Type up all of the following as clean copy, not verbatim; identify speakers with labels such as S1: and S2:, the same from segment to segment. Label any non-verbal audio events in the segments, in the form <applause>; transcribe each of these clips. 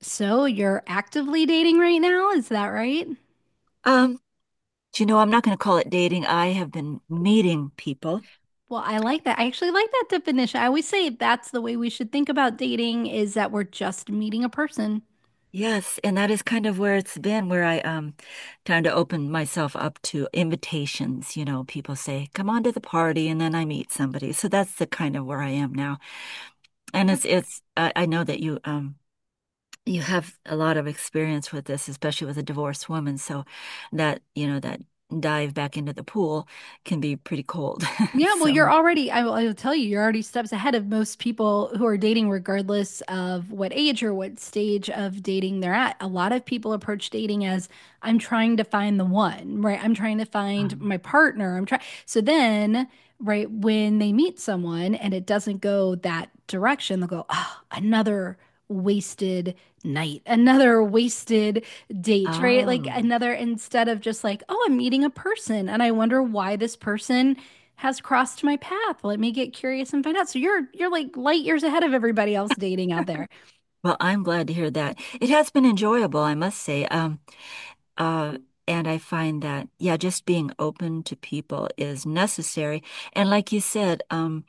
S1: So you're actively dating right now, is that right?
S2: Um, do you know, I'm not going to call it dating. I have been meeting people.
S1: Well, I like that. I actually like that definition. I always say that's the way we should think about dating is that we're just meeting a person.
S2: Yes, and that is kind of where it's been, where I trying to open myself up to invitations. You know, people say, "Come on to the party," and then I meet somebody. So that's the kind of where I am now. And it's I know that you you have a lot of experience with this, especially with a divorced woman. So that, you know, that dive back into the pool can be pretty cold. <laughs>
S1: Yeah, well, you're
S2: So,
S1: already, I will tell you, you're already steps ahead of most people who are dating, regardless of what age or what stage of dating they're at. A lot of people approach dating as I'm trying to find the one, right? I'm trying to find
S2: um,
S1: my partner. I'm trying. So then, right, when they meet someone and it doesn't go that direction, they'll go, oh, another wasted night, another wasted date, right? Like
S2: oh.
S1: another, instead of just like, oh, I'm meeting a person and I wonder why this person has crossed my path. Let me get curious and find out. So you're like light years ahead of everybody else dating out there.
S2: Well, I'm glad to hear that. It has been enjoyable, I must say. Uh, and I find that, yeah, just being open to people is necessary. And like you said,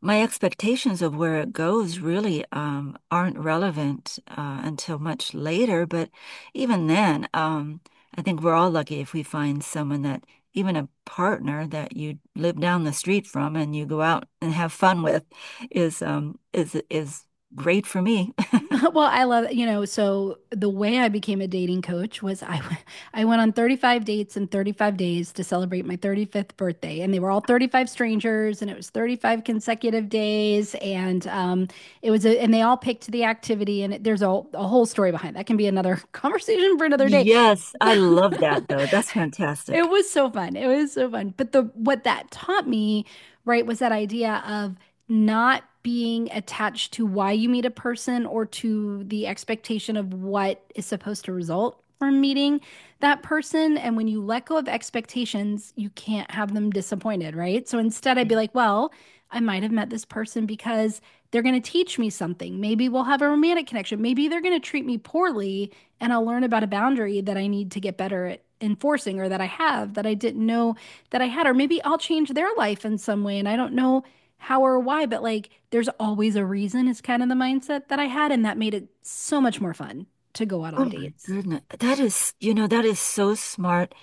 S2: my expectations of where it goes really aren't relevant until much later. But even then, I think we're all lucky if we find someone that, even a partner that you live down the street from and you go out and have fun with, is great for me.
S1: <laughs> Well, I love. So the way I became a dating coach was I <laughs> I went on 35 dates in 35 days to celebrate my 35th birthday, and they were all 35 strangers, and it was 35 consecutive days, and it was and they all picked the activity, and there's a whole story behind that. Can be another <laughs> conversation for another day.
S2: Yes, I
S1: <laughs>
S2: love that though. That's fantastic.
S1: It was so fun. It was so fun. But the what that taught me, right, was that idea of not being attached to why you meet a person or to the expectation of what is supposed to result from meeting that person. And when you let go of expectations, you can't have them disappointed, right? So instead, I'd be like, well, I might have met this person because they're going to teach me something. Maybe we'll have a romantic connection. Maybe they're going to treat me poorly and I'll learn about a boundary that I need to get better at enforcing or that I have that I didn't know that I had. Or maybe I'll change their life in some way and I don't know how or why, but like there's always a reason is kind of the mindset that I had. And that made it so much more fun to go out
S2: Oh
S1: on
S2: my
S1: dates.
S2: goodness. That is, you know, that is so smart.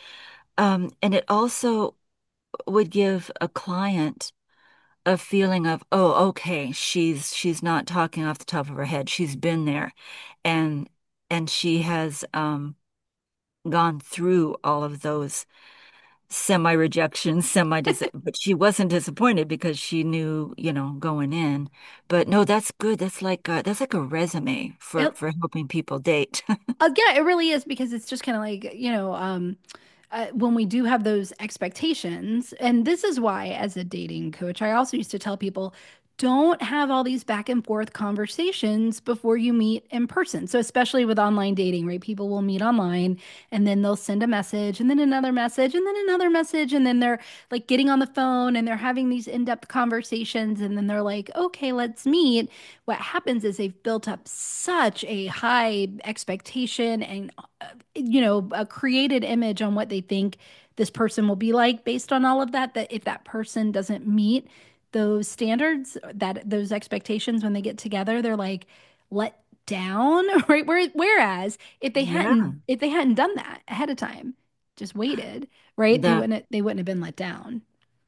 S2: And it also would give a client a feeling of, oh, okay, she's not talking off the top of her head. She's been there and and she has gone through all of those semi rejection, semi dis but she wasn't disappointed because she knew, you know, going in. But no, that's good. That's like a resume for
S1: It
S2: helping people date. <laughs>
S1: Yeah, it really is because it's just kind of like, you know, when we do have those expectations, and this is why, as a dating coach, I also used to tell people don't have all these back and forth conversations before you meet in person. So, especially with online dating, right? People will meet online and then they'll send a message and then another message and then another message. And then they're like getting on the phone and they're having these in-depth conversations. And then they're like, okay, let's meet what happens is they've built up such a high expectation and, uh, you know, a created image on what they think this person will be like based on all of that, that if that person doesn't meet those standards, that those expectations when they get together, they're like let down, <laughs> right? Whereas
S2: Yeah.
S1: if they hadn't done that ahead of time, just waited, right?
S2: That
S1: They wouldn't have been let down.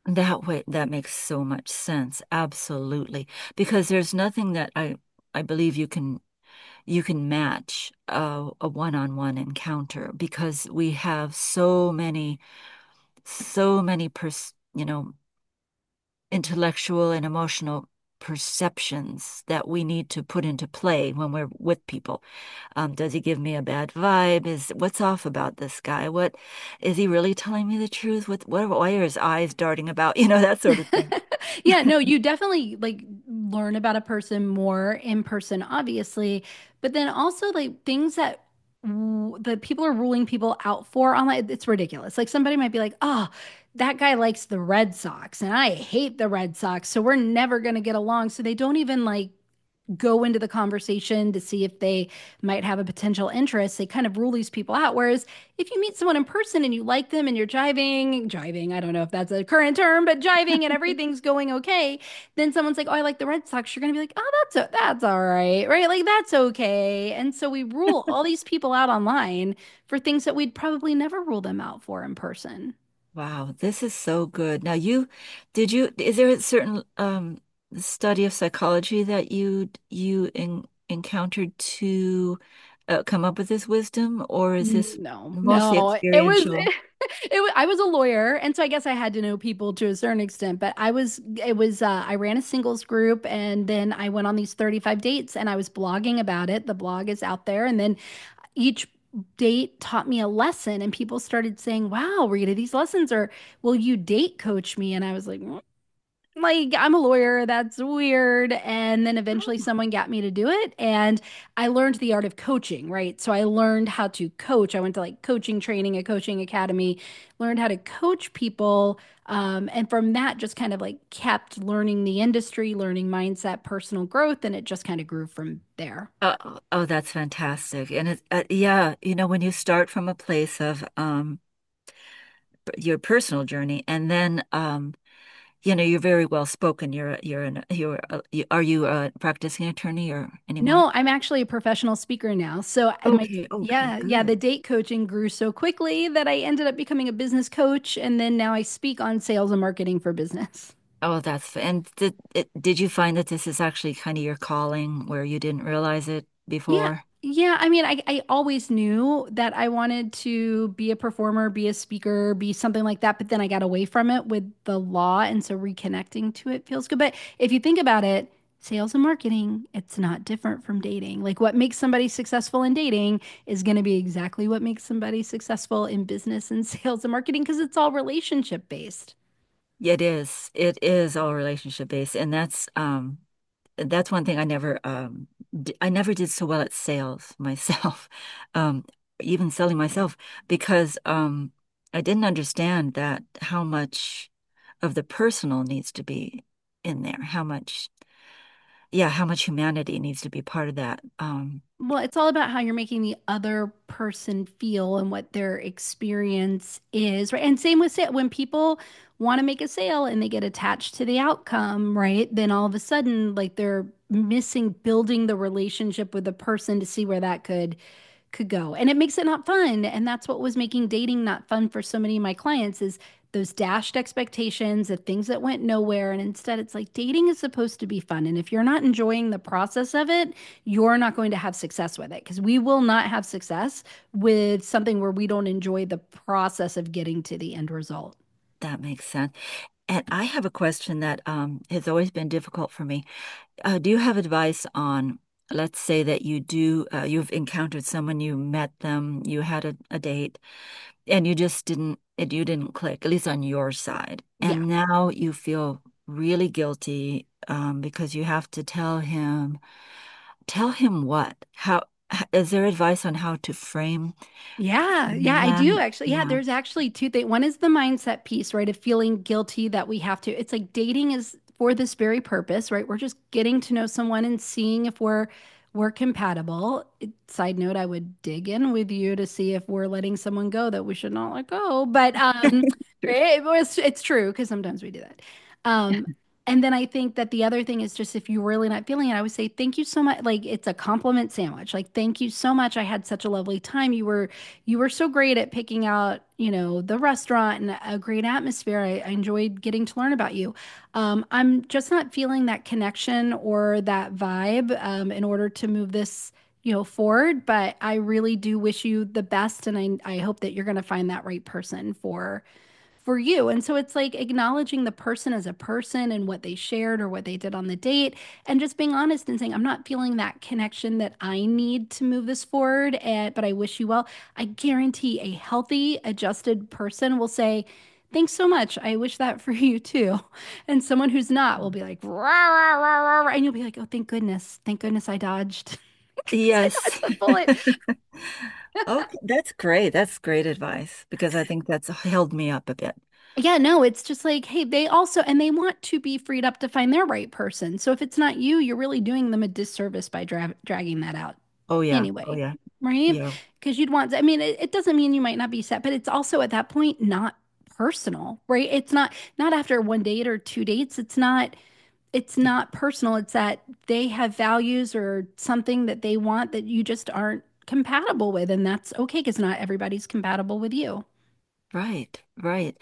S2: that way that makes so much sense. Absolutely. Because there's nothing that I believe you can match a one-on-one encounter because we have so many so many pers you know intellectual and emotional perceptions that we need to put into play when we're with people. Does he give me a bad vibe? Is what's off about this guy? What is he really telling me the truth? What why are his eyes darting about? <laughs> You know, that sort of thing.
S1: <laughs> Yeah, no,
S2: <laughs>
S1: you definitely like learn about a person more in person, obviously, but then also like things that the people are ruling people out for online, it's ridiculous. Like somebody might be like, "Oh, that guy likes the Red Sox and I hate the Red Sox, so we're never going to get along." So they don't even like go into the conversation to see if they might have a potential interest. They kind of rule these people out. Whereas if you meet someone in person and you like them and you're jiving, I don't know if that's a current term, but jiving and everything's going okay, then someone's like, oh, I like the Red Sox. You're going to be like, oh, that's all right, right? Like, that's okay. And so we rule all these people out online for things that we'd probably never rule them out for in person.
S2: Wow, this is so good. Now you did you is there a certain study of psychology that you en encountered to come up with this wisdom or is
S1: Mm,
S2: this
S1: no,
S2: mostly
S1: no. It was
S2: experiential?
S1: <laughs> I was a lawyer, and so I guess I had to know people to a certain extent, but I was it was I ran a singles group and then I went on these 35 dates and I was blogging about it. The blog is out there and then each date taught me a lesson and people started saying, "Wow, Rita, these lessons are will you date coach me?" And I was like, "Mm, like, I'm a lawyer, that's weird. And then eventually someone got me to do it. And I learned the art of coaching, right? So I learned how to coach. I went to like coaching training, a coaching academy, learned how to coach people. And from that, just kind of like kept learning the industry, learning mindset, personal growth. And it just kind of grew from there.
S2: Oh, oh, that's fantastic. And it yeah, you know when you start from a place of your personal journey and then you know you're very well spoken. You're are you a practicing attorney or anymore?
S1: No, I'm actually a professional speaker now. So
S2: Okay, okay, good.
S1: the date coaching grew so quickly that I ended up becoming a business coach and then now I speak on sales and marketing for business.
S2: And did you find that this is actually kind of your calling where you didn't realize it
S1: Yeah.
S2: before?
S1: Yeah. I mean, I always knew that I wanted to be a performer, be a speaker, be something like that. But then I got away from it with the law. And so reconnecting to it feels good. But if you think about it, sales and marketing, it's not different from dating. Like what makes somebody successful in dating is going to be exactly what makes somebody successful in business and <laughs> sales and marketing because it's all relationship based.
S2: Yeah, it is. It is all relationship based, and that's one thing I never d I never did so well at sales myself, <laughs> um even selling myself because I didn't understand that how much of the personal needs to be in there, how much yeah, how much humanity needs to be part of that.
S1: Well, it's all about how you're making the other person feel and what their experience is, right? And same with sale. When people want to make a sale and they get attached to the outcome, right? Then all of a sudden, like they're missing building the relationship with the person to see where that could go. And it makes it not fun. And that's what was making dating not fun for so many of my clients is those dashed expectations, the things that went nowhere. And instead, it's like dating is supposed to be fun. And if you're not enjoying the process of it, you're not going to have success with it because we will not have success with something where we don't enjoy the process of getting to the end result.
S2: That makes sense. And I have a question that has always been difficult for me. Do you have advice on, let's say that you've encountered someone, you met them, you had a date, and you didn't click, at least on your side.
S1: Yeah.
S2: And now you feel really guilty because you have to tell him what? How, is there advice on how to frame
S1: Yeah, yeah, I do
S2: that?
S1: actually. Yeah,
S2: Yeah.
S1: there's actually two things. One is the mindset piece, right? Of feeling guilty that we have to. It's like dating is for this very purpose, right? We're just getting to know someone and seeing if we're compatible. It- Side note, I would dig in with you to see if we're letting someone go that we should not let go. But it's true because sometimes we do that. Um, and then I think that the other thing is just if you're really not feeling it, I would say thank you so much. Like it's a compliment sandwich. Like thank you so much. I had such a lovely time. You were so great at picking out, you know, the restaurant and a great atmosphere. I enjoyed getting to learn about you. I'm just not feeling that connection or that vibe in order to move this, you know, forward. But I really do wish you the best, and I hope that you're going to find that right person for you. And so it's like acknowledging the person as a person and what they shared or what they did on the date, and just being honest and saying, I'm not feeling that connection that I need to move this forward, and, but I wish you well. I guarantee a healthy, adjusted person will say, thanks so much. I wish that for <laughs> you too. And someone who's not will be like, rah, rah, rah, rah, rah," and you'll be like, oh, thank goodness. Thank goodness I dodged. <laughs> Thank goodness I
S2: Yes.
S1: dodged the bullet.
S2: <laughs> Okay, that's great. That's great advice because I think that's held me up a bit.
S1: Yeah, no, it's just like, hey, they also, and they want to be freed up to find their right person. So if it's not you, you're really doing them a disservice by dragging that out
S2: Oh yeah. Oh
S1: anyway,
S2: yeah.
S1: right?
S2: Yeah.
S1: Because you'd want, I mean, it doesn't mean you might not be set, but it's also at that point not personal, right? It's not, not after one date or two dates. It's
S2: Yeah.
S1: not personal. It's that they have values or something that they want that you just aren't compatible with. And that's okay because not everybody's compatible with you.
S2: Right. Right.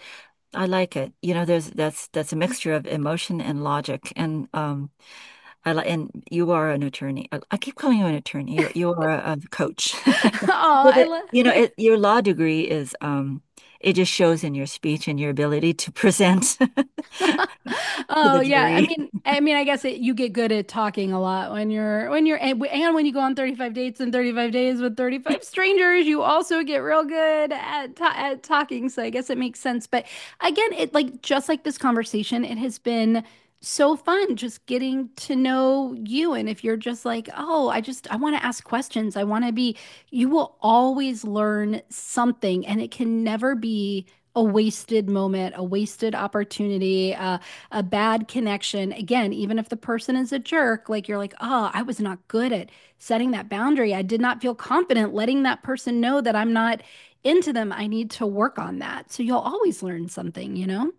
S2: I like it. You know, there's that's a mixture of emotion and logic. And I like and you are an attorney. I keep calling you an attorney. You are a coach.
S1: <laughs> Oh,
S2: <laughs> With
S1: I
S2: it, you know,
S1: love.
S2: it, your law degree is it just shows in your speech and your ability to present <laughs> to
S1: Oh
S2: the
S1: yeah, I
S2: jury.
S1: mean, I mean, I guess it, you get good at talking a lot when you're and when you go on 35 dates and 35 days with 35 strangers, you also get real good at ta at talking. So I guess it makes sense. But again, it like just like this conversation, it has been so fun just getting to know you. And if you're just like, oh, I want to ask questions, I want to be, you will always learn something, and it can never be. A wasted moment, a wasted opportunity. A bad connection again, even if the person is a jerk, like you're like, oh, I was not good at setting that boundary. I did not feel confident letting that person know that I'm not into them. I need to work on that. So you'll always learn something, you know.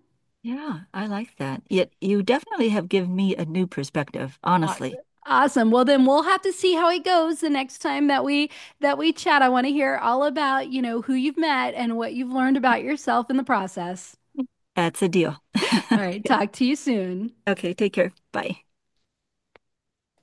S2: Yeah, I like that. Yet you definitely have given me a new perspective, honestly.
S1: Awesome. Awesome. Well then we'll have to see how it goes the next time that we chat. I want to hear all about, you know, who you've met and what you've learned about yourself in the process.
S2: That's a deal.
S1: All right, talk to you soon.
S2: <laughs> Okay, take care. Bye.